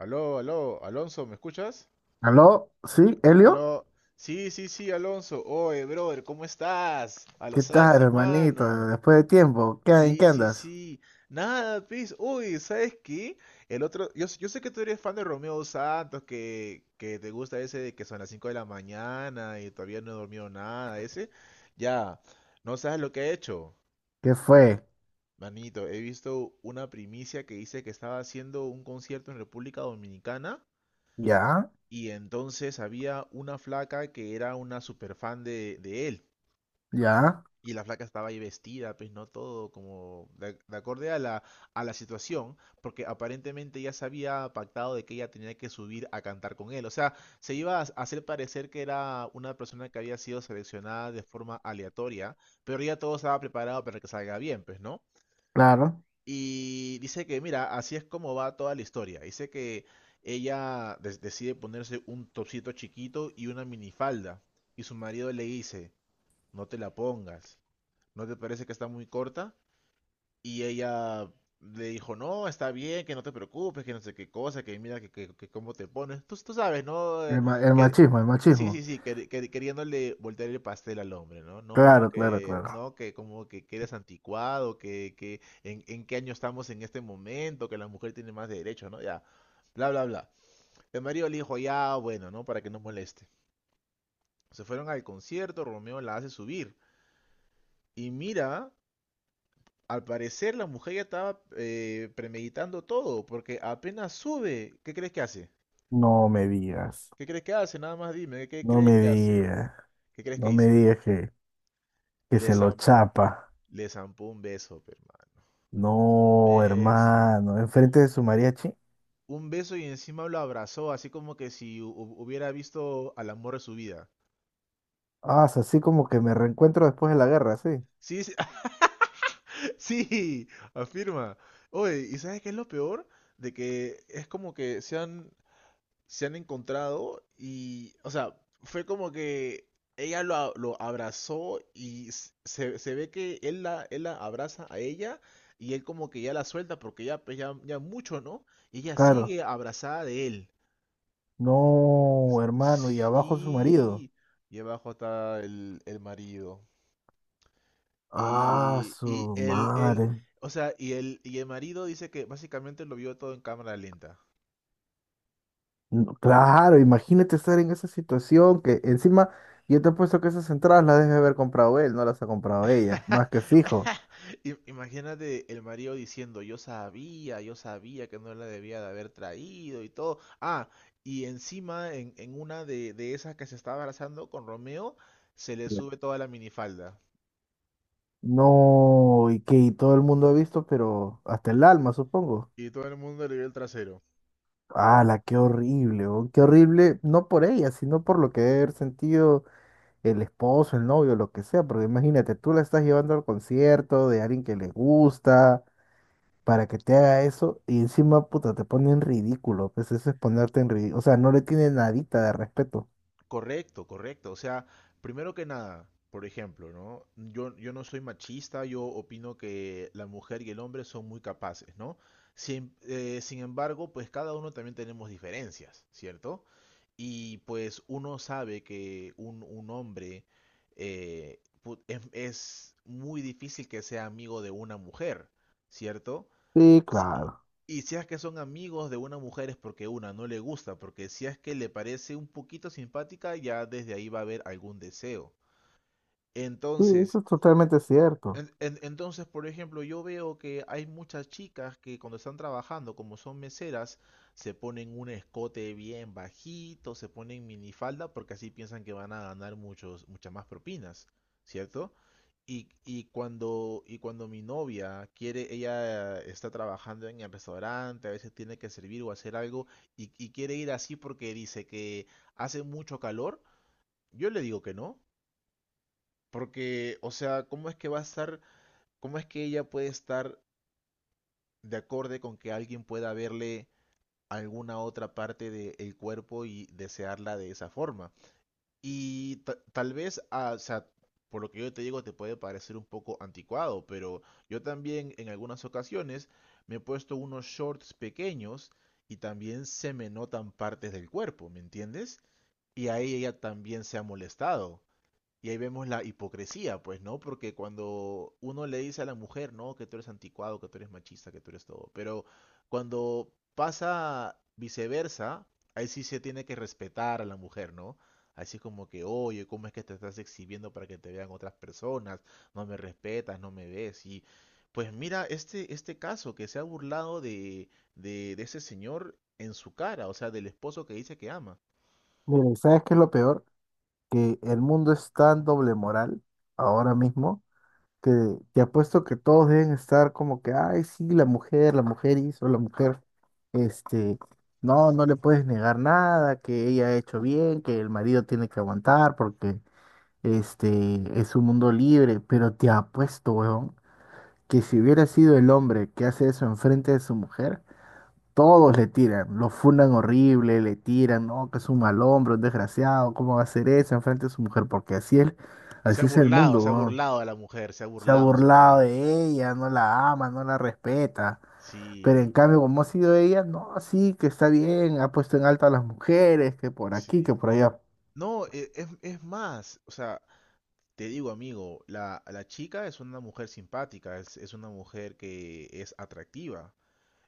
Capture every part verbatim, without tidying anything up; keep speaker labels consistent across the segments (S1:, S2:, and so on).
S1: Aló, aló, Alonso, ¿me escuchas?
S2: ¿Aló? ¿Sí? ¿Elio?
S1: Aló, sí, sí, sí, Alonso. Oye, brother, ¿cómo estás? A
S2: ¿Qué
S1: los años,
S2: tal, hermanito?
S1: hermano.
S2: Después de tiempo, ¿qué, en
S1: Sí,
S2: qué
S1: sí,
S2: andas?
S1: sí. Nada, pues, uy, ¿sabes qué? El otro, yo, s- yo sé que tú eres fan de Romeo Santos, que, que te gusta ese de que son las cinco de la mañana y todavía no he dormido nada, ese. Ya, no sabes lo que he hecho.
S2: ¿Qué fue?
S1: Manito, he visto una primicia que dice que estaba haciendo un concierto en República Dominicana.
S2: ¿Ya?
S1: Y entonces había una flaca que era una super fan de, de él.
S2: ¿Ya?
S1: Y la flaca estaba ahí vestida, pues no todo como de, de acorde a la, a la situación, porque aparentemente ya se había pactado de que ella tenía que subir a cantar con él. O sea, se iba a hacer parecer que era una persona que había sido seleccionada de forma aleatoria, pero ya todo estaba preparado para que salga bien, pues, ¿no?
S2: Claro.
S1: Y dice que, mira, así es como va toda la historia. Dice que ella des- decide ponerse un topsito chiquito y una minifalda. Y su marido le dice, no te la pongas. ¿No te parece que está muy corta? Y ella le dijo, no, está bien, que no te preocupes, que no sé qué cosa, que mira que, que- que cómo te pones. Tú, tú sabes, ¿no? Eh,
S2: El, ma- el
S1: Que,
S2: machismo, el
S1: sí,
S2: machismo.
S1: sí, sí, que, que- queriéndole voltear el pastel al hombre, ¿no? No,
S2: Claro, claro,
S1: que,
S2: claro.
S1: no, que como que, que eres anticuado, que, que en, en qué año estamos en este momento, que la mujer tiene más derechos, ¿no? Ya, bla, bla, bla. El marido le dijo, ya, bueno, ¿no? Para que no moleste. Se fueron al concierto, Romeo la hace subir. Y mira. Al parecer la mujer ya estaba eh, premeditando todo, porque apenas sube, ¿qué crees que hace?
S2: No me digas.
S1: ¿Qué crees que hace? Nada más dime, ¿qué
S2: No
S1: crees
S2: me
S1: que hace?
S2: digas.
S1: ¿Qué crees que
S2: No me
S1: hizo?
S2: digas que, que
S1: Le
S2: se lo
S1: zam-
S2: chapa.
S1: Le zampó un beso, pe, hermano. Un
S2: No,
S1: beso.
S2: hermano. Enfrente de su mariachi.
S1: Un beso y encima lo abrazó, así como que si hu- hu- hubiera visto al amor de su vida.
S2: Ah, es así como que me reencuentro después de la guerra, sí.
S1: Sí, sí, sí, afirma. Oye, ¿y sabes qué es lo peor? De que es como que se han, se han encontrado y, o sea, fue como que ella lo, a- lo abrazó y s- se, se ve que él la, él la abraza a ella y él como que ya la suelta porque ya, pues, ya, ya mucho, ¿no? Y ella
S2: Claro.
S1: sigue abrazada de él.
S2: No, hermano. Y abajo su marido.
S1: Sí. Y abajo está el, el marido.
S2: Ah,
S1: Y,
S2: su
S1: y el, el,
S2: madre.
S1: o sea, y el, y el marido dice que básicamente lo vio todo en cámara lenta.
S2: No, claro, imagínate estar en esa situación que encima yo te he puesto que esas entradas las debe haber comprado él, no las ha comprado ella, más que fijo.
S1: Im- Imagínate el marido diciendo, yo sabía, yo sabía que no la debía de haber traído y todo. Ah, y encima en, en una de, de esas que se estaba abrazando con Romeo, se le
S2: Ya.
S1: sube toda la minifalda
S2: No, y que y todo el mundo ha visto, pero hasta el alma, supongo.
S1: y todo el mundo le vio el trasero.
S2: ¡Hala, qué horrible! oh, ¡Qué horrible! No por ella, sino por lo que debe haber sentido el esposo, el novio, lo que sea, porque imagínate, tú la estás llevando al concierto de alguien que le gusta, para que te haga eso y encima, puta, te pone en ridículo. Pues eso es ponerte en ridículo. O sea, no le tiene nadita de respeto.
S1: Correcto, correcto. O sea, primero que nada, por ejemplo, ¿no? Yo, yo no soy machista, yo opino que la mujer y el hombre son muy capaces, ¿no? Sin, eh, sin embargo, pues cada uno también tenemos diferencias, ¿cierto? Y pues uno sabe que un, un hombre eh, pu- es, es muy difícil que sea amigo de una mujer, ¿cierto?
S2: Sí,
S1: si-
S2: claro.
S1: Y si es que son amigos de una mujer es porque una no le gusta, porque si es que le parece un poquito simpática, ya desde ahí va a haber algún deseo.
S2: Sí, eso
S1: Entonces,
S2: es totalmente cierto.
S1: en- en- entonces, por ejemplo, yo veo que hay muchas chicas que cuando están trabajando, como son meseras, se ponen un escote bien bajito, se ponen minifalda porque así piensan que van a ganar muchos, muchas más propinas, ¿cierto? Y, y cuando, y cuando mi novia quiere, ella está trabajando en el restaurante, a veces tiene que servir o hacer algo y, y quiere ir así porque dice que hace mucho calor, yo le digo que no, porque, o sea, ¿cómo es que va a estar ¿cómo es que ella puede estar de acorde con que alguien pueda verle alguna otra parte del cuerpo y desearla de esa forma? Y ta- tal vez, ah, o sea, por lo que yo te digo, te puede parecer un poco anticuado, pero yo también en algunas ocasiones me he puesto unos shorts pequeños y también se me notan partes del cuerpo, ¿me entiendes? Y ahí ella también se ha molestado. Y ahí vemos la hipocresía, pues, ¿no? Porque cuando uno le dice a la mujer, ¿no? Que tú eres anticuado, que tú eres machista, que tú eres todo. Pero cuando pasa viceversa, ahí sí se tiene que respetar a la mujer, ¿no? Así es como que, oye, ¿cómo es que te estás exhibiendo para que te vean otras personas? No me respetas, no me ves. Y pues mira, este, este caso que se ha burlado de, de, de ese señor en su cara, o sea, del esposo que dice que ama.
S2: Miren, ¿sabes qué es lo peor? Que el mundo es tan doble moral ahora mismo que te apuesto que todos deben estar como que, ay, sí, la mujer, la mujer hizo, la mujer, este, no, no le puedes negar nada, que ella ha hecho bien, que el marido tiene que aguantar porque este es un mundo libre. Pero te apuesto, weón, que si hubiera sido el hombre que hace eso enfrente de su mujer, todos le tiran, lo fundan horrible, le tiran, no, que es un mal hombre, un desgraciado, ¿cómo va a hacer eso enfrente de su mujer? Porque así es,
S1: Se ha
S2: así es el
S1: burlado,
S2: mundo,
S1: se ha
S2: weón.
S1: burlado a la mujer, se ha
S2: Se ha
S1: burlado en su cara.
S2: burlado de ella, no la ama, no la respeta. Pero
S1: Sí,
S2: en cambio, como ha sido ella, no, sí, que está bien, ha puesto en alto a las mujeres, que por aquí, que
S1: sí.
S2: por allá.
S1: No, e- es, es más, o sea, te digo, amigo, la, la chica es una mujer simpática, es, es una mujer que es atractiva.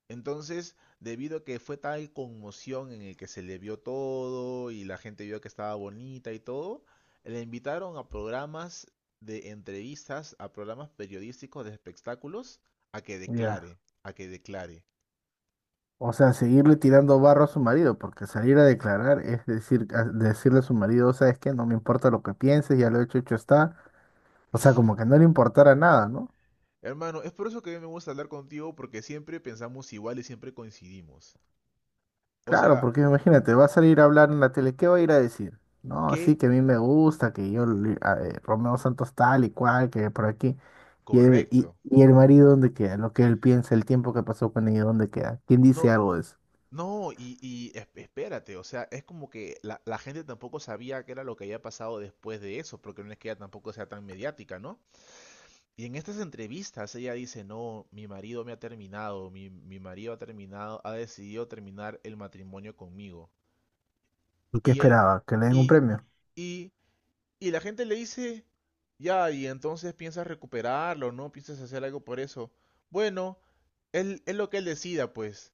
S1: Entonces, debido a que fue tal conmoción en el que se le vio todo y la gente vio que estaba bonita y todo, le invitaron a programas de entrevistas, a programas periodísticos de espectáculos, a que
S2: Ya.
S1: declare, a que declare.
S2: O sea, seguirle tirando barro a su marido, porque salir a declarar es decir, a- decirle a su marido, ¿sabes qué? No me importa lo que pienses, ya lo hecho, hecho está. O sea, como que no le importara nada, ¿no?
S1: Hermano, es por eso que a mí me gusta hablar contigo porque siempre pensamos igual y siempre coincidimos. O
S2: Claro,
S1: sea,
S2: porque imagínate, va a salir a hablar en la tele, ¿qué va a ir a decir? No,
S1: qué
S2: sí, que a mí me gusta, que yo, le- a- eh, Romeo Santos tal y cual, que por aquí. Y el, y,
S1: correcto.
S2: y el marido, ¿dónde queda? Lo que él piensa, el tiempo que pasó con ella, ¿dónde queda? ¿Quién dice
S1: No,
S2: algo de eso?
S1: no, y, y es- espérate, o sea, es como que la, la gente tampoco sabía qué era lo que había pasado después de eso, porque no es que ella tampoco sea tan mediática, ¿no? Y en estas entrevistas ella dice, no, mi marido me ha terminado, mi, mi marido ha terminado, ha decidido terminar el matrimonio conmigo.
S2: ¿Y qué
S1: Y él,
S2: esperaba? ¿Que le den un
S1: y,
S2: premio?
S1: y, y la gente le dice, ya, y entonces piensas recuperarlo, ¿no? Piensas hacer algo por eso. Bueno, él, es lo que él decida, pues.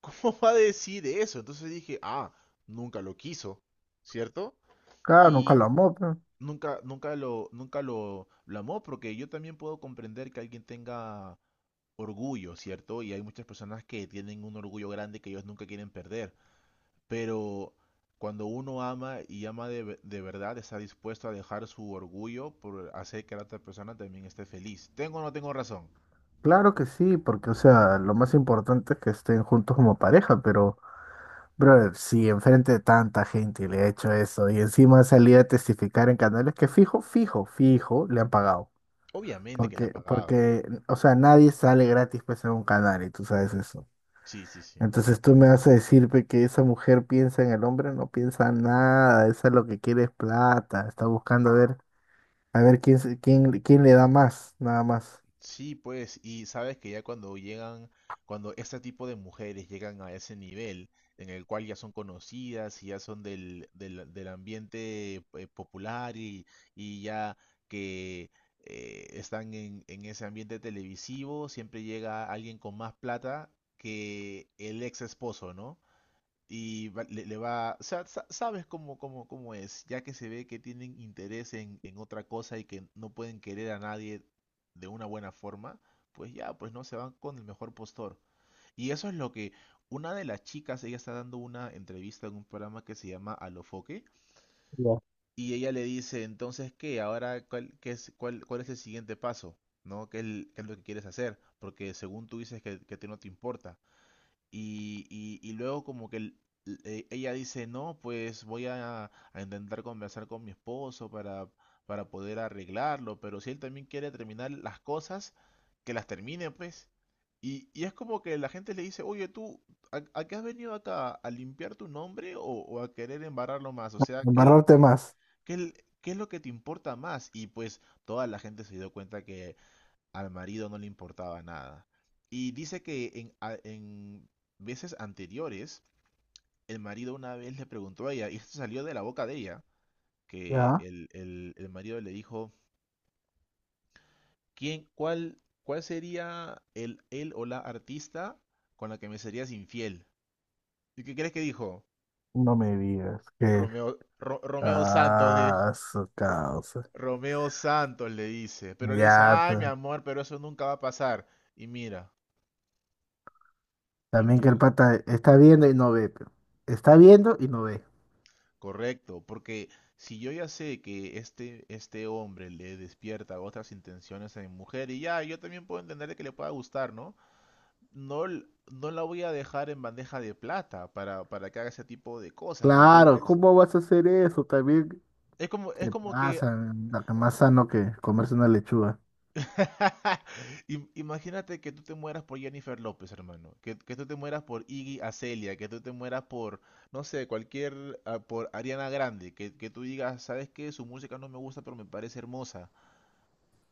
S1: ¿Cómo va a decir eso? Entonces dije, ah, nunca lo quiso, ¿cierto?
S2: Claro, nunca
S1: Y
S2: lo amó, pues.
S1: nunca, nunca lo, nunca lo, lo amó, porque yo también puedo comprender que alguien tenga orgullo, ¿cierto? Y hay muchas personas que tienen un orgullo grande que ellos nunca quieren perder. Pero cuando uno ama y ama de, ve- de verdad, está dispuesto a dejar su orgullo por hacer que la otra persona también esté feliz. ¿Tengo o no tengo razón?
S2: Claro que sí, porque, o sea, lo más importante es que estén juntos como pareja, pero, brother, si enfrente de tanta gente le ha hecho eso y encima salí a testificar en canales que fijo, fijo, fijo, le han pagado.
S1: Obviamente que le han
S2: Porque,
S1: pagado.
S2: porque, o sea, nadie sale gratis pues en un canal y tú sabes eso.
S1: Sí, sí, sí.
S2: Entonces tú me vas a decir pe, que esa mujer piensa en el hombre, no piensa nada, esa lo que quiere es plata, está buscando a ver, a ver quién, se- quién, quién le da más, nada más.
S1: Sí, pues, y sabes que ya cuando llegan, cuando este tipo de mujeres llegan a ese nivel en el cual ya son conocidas y ya son del, del, del ambiente eh, popular y, y ya que eh, están en, en ese ambiente televisivo, siempre llega alguien con más plata que el ex esposo, ¿no? Y va- le, le va, o sea, sa- sabes cómo, cómo, cómo es, ya que se ve que tienen interés en, en otra cosa y que no pueden querer a nadie de una buena forma, pues ya, pues no, se van con el mejor postor. Y eso es lo que una de las chicas, ella está dando una entrevista en un programa que se llama Alofoque,
S2: Ya.
S1: y ella le dice, entonces, ¿qué? Ahora, ¿cuál, qué es, cuál, ¿cuál es el siguiente paso? ¿No? ¿Qué es, el- ¿qué es lo que quieres hacer? Porque según tú dices que, que te no te importa. Y, y, y luego como que el- e- ella dice, no, pues voy a, a intentar conversar con mi esposo para, para poder arreglarlo, pero si él también quiere terminar las cosas, que las termine, pues. Y, y es como que la gente le dice, oye, tú, ¿a, a qué has venido acá? ¿A limpiar tu nombre o, o a querer embarrarlo más? O sea, ¿qué, el-
S2: Embarrarte más.
S1: qué, el- ¿qué es lo que te importa más? Y pues toda la gente se dio cuenta que al marido no le importaba nada. Y dice que en, a- en veces anteriores, el marido una vez le preguntó a ella, y esto salió de la boca de ella, que
S2: ¿Ya?
S1: el, el- el marido le dijo, ¿quién, cuál, ¿cuál sería el, él o la artista con la que me serías infiel? ¿Y qué crees que dijo?
S2: No me digas que...
S1: Romeo, Ro- Romeo Santos, dijo.
S2: Ah, su causa.
S1: Romeo Santos le dice, pero le dice,
S2: Ya,
S1: ay, mi
S2: pues.
S1: amor, pero eso nunca va a pasar. Y mira, y
S2: También que el
S1: mira.
S2: pata está viendo y no ve, pero. Está viendo y no ve.
S1: Correcto, porque si yo ya sé que este, este hombre le despierta otras intenciones a mi mujer, y ya, yo también puedo entender de que le pueda gustar, ¿no? No, l- no la voy a dejar en bandeja de plata para, para que haga ese tipo de cosas, ¿me
S2: Claro,
S1: entiendes?
S2: ¿cómo vas a hacer eso? También
S1: Es como, es
S2: te
S1: como que,
S2: pasa, la que más sano que comerse una lechuga.
S1: Im- imagínate que tú te mueras por Jennifer López, hermano, que, que tú te mueras por Iggy Azalea, que tú te mueras por, no sé, cualquier, ah, por Ariana Grande, que, que tú digas, ¿sabes qué? Su música no me gusta, pero me parece hermosa.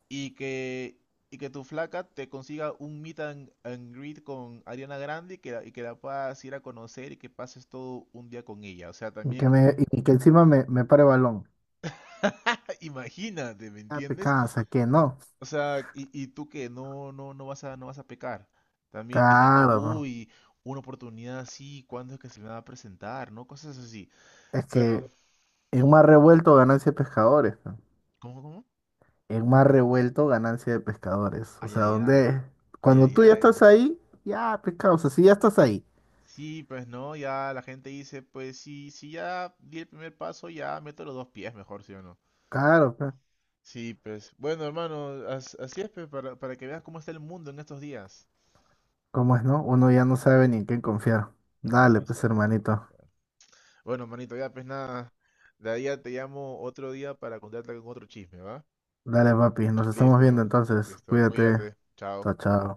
S1: y que, y que tu flaca te consiga un meet and, and greet con Ariana Grande y que, la- y que la puedas ir a conocer y que pases todo un día con ella. O sea,
S2: Y que,
S1: también
S2: me, y que encima me, me pare balón.
S1: imagínate, ¿me
S2: Ah, te
S1: entiendes?
S2: cansa, que no.
S1: O sea, y, y tú que no, no, no vas a, no vas a pecar. También diciendo,
S2: Claro, po.
S1: uy, una oportunidad así, ¿cuándo es que se me va a presentar? ¿No? Cosas así.
S2: Es que
S1: Pero,
S2: en un mar revuelto, ganancia de pescadores, pe.
S1: ¿cómo, cómo?
S2: El mar revuelto, ganancia de pescadores. O
S1: Ay,
S2: sea,
S1: ay, ay,
S2: donde
S1: ay,
S2: cuando
S1: ay,
S2: tú ya
S1: ay.
S2: estás ahí, ya pescado. O sea, si ya estás ahí.
S1: Sí, pues no, ya la gente dice, pues sí, si ya di el primer paso, ya meto los dos pies mejor, ¿sí o no?
S2: Claro, pe.
S1: Sí, pues bueno, hermano, as- así es, pues, para, para que veas cómo está el mundo en estos días.
S2: ¿Cómo es, no? Uno ya no sabe ni en quién confiar.
S1: Bueno, ya
S2: Dale,
S1: no
S2: pues,
S1: sé ni cómo,
S2: hermanito.
S1: ya. Bueno, manito, ya pues nada, de ahí ya te llamo otro día para contarte con otro chisme, ¿va?
S2: Dale, papi. Nos estamos viendo
S1: Listo,
S2: entonces.
S1: listo,
S2: Cuídate.
S1: cuídate, chao.
S2: Chao, chao.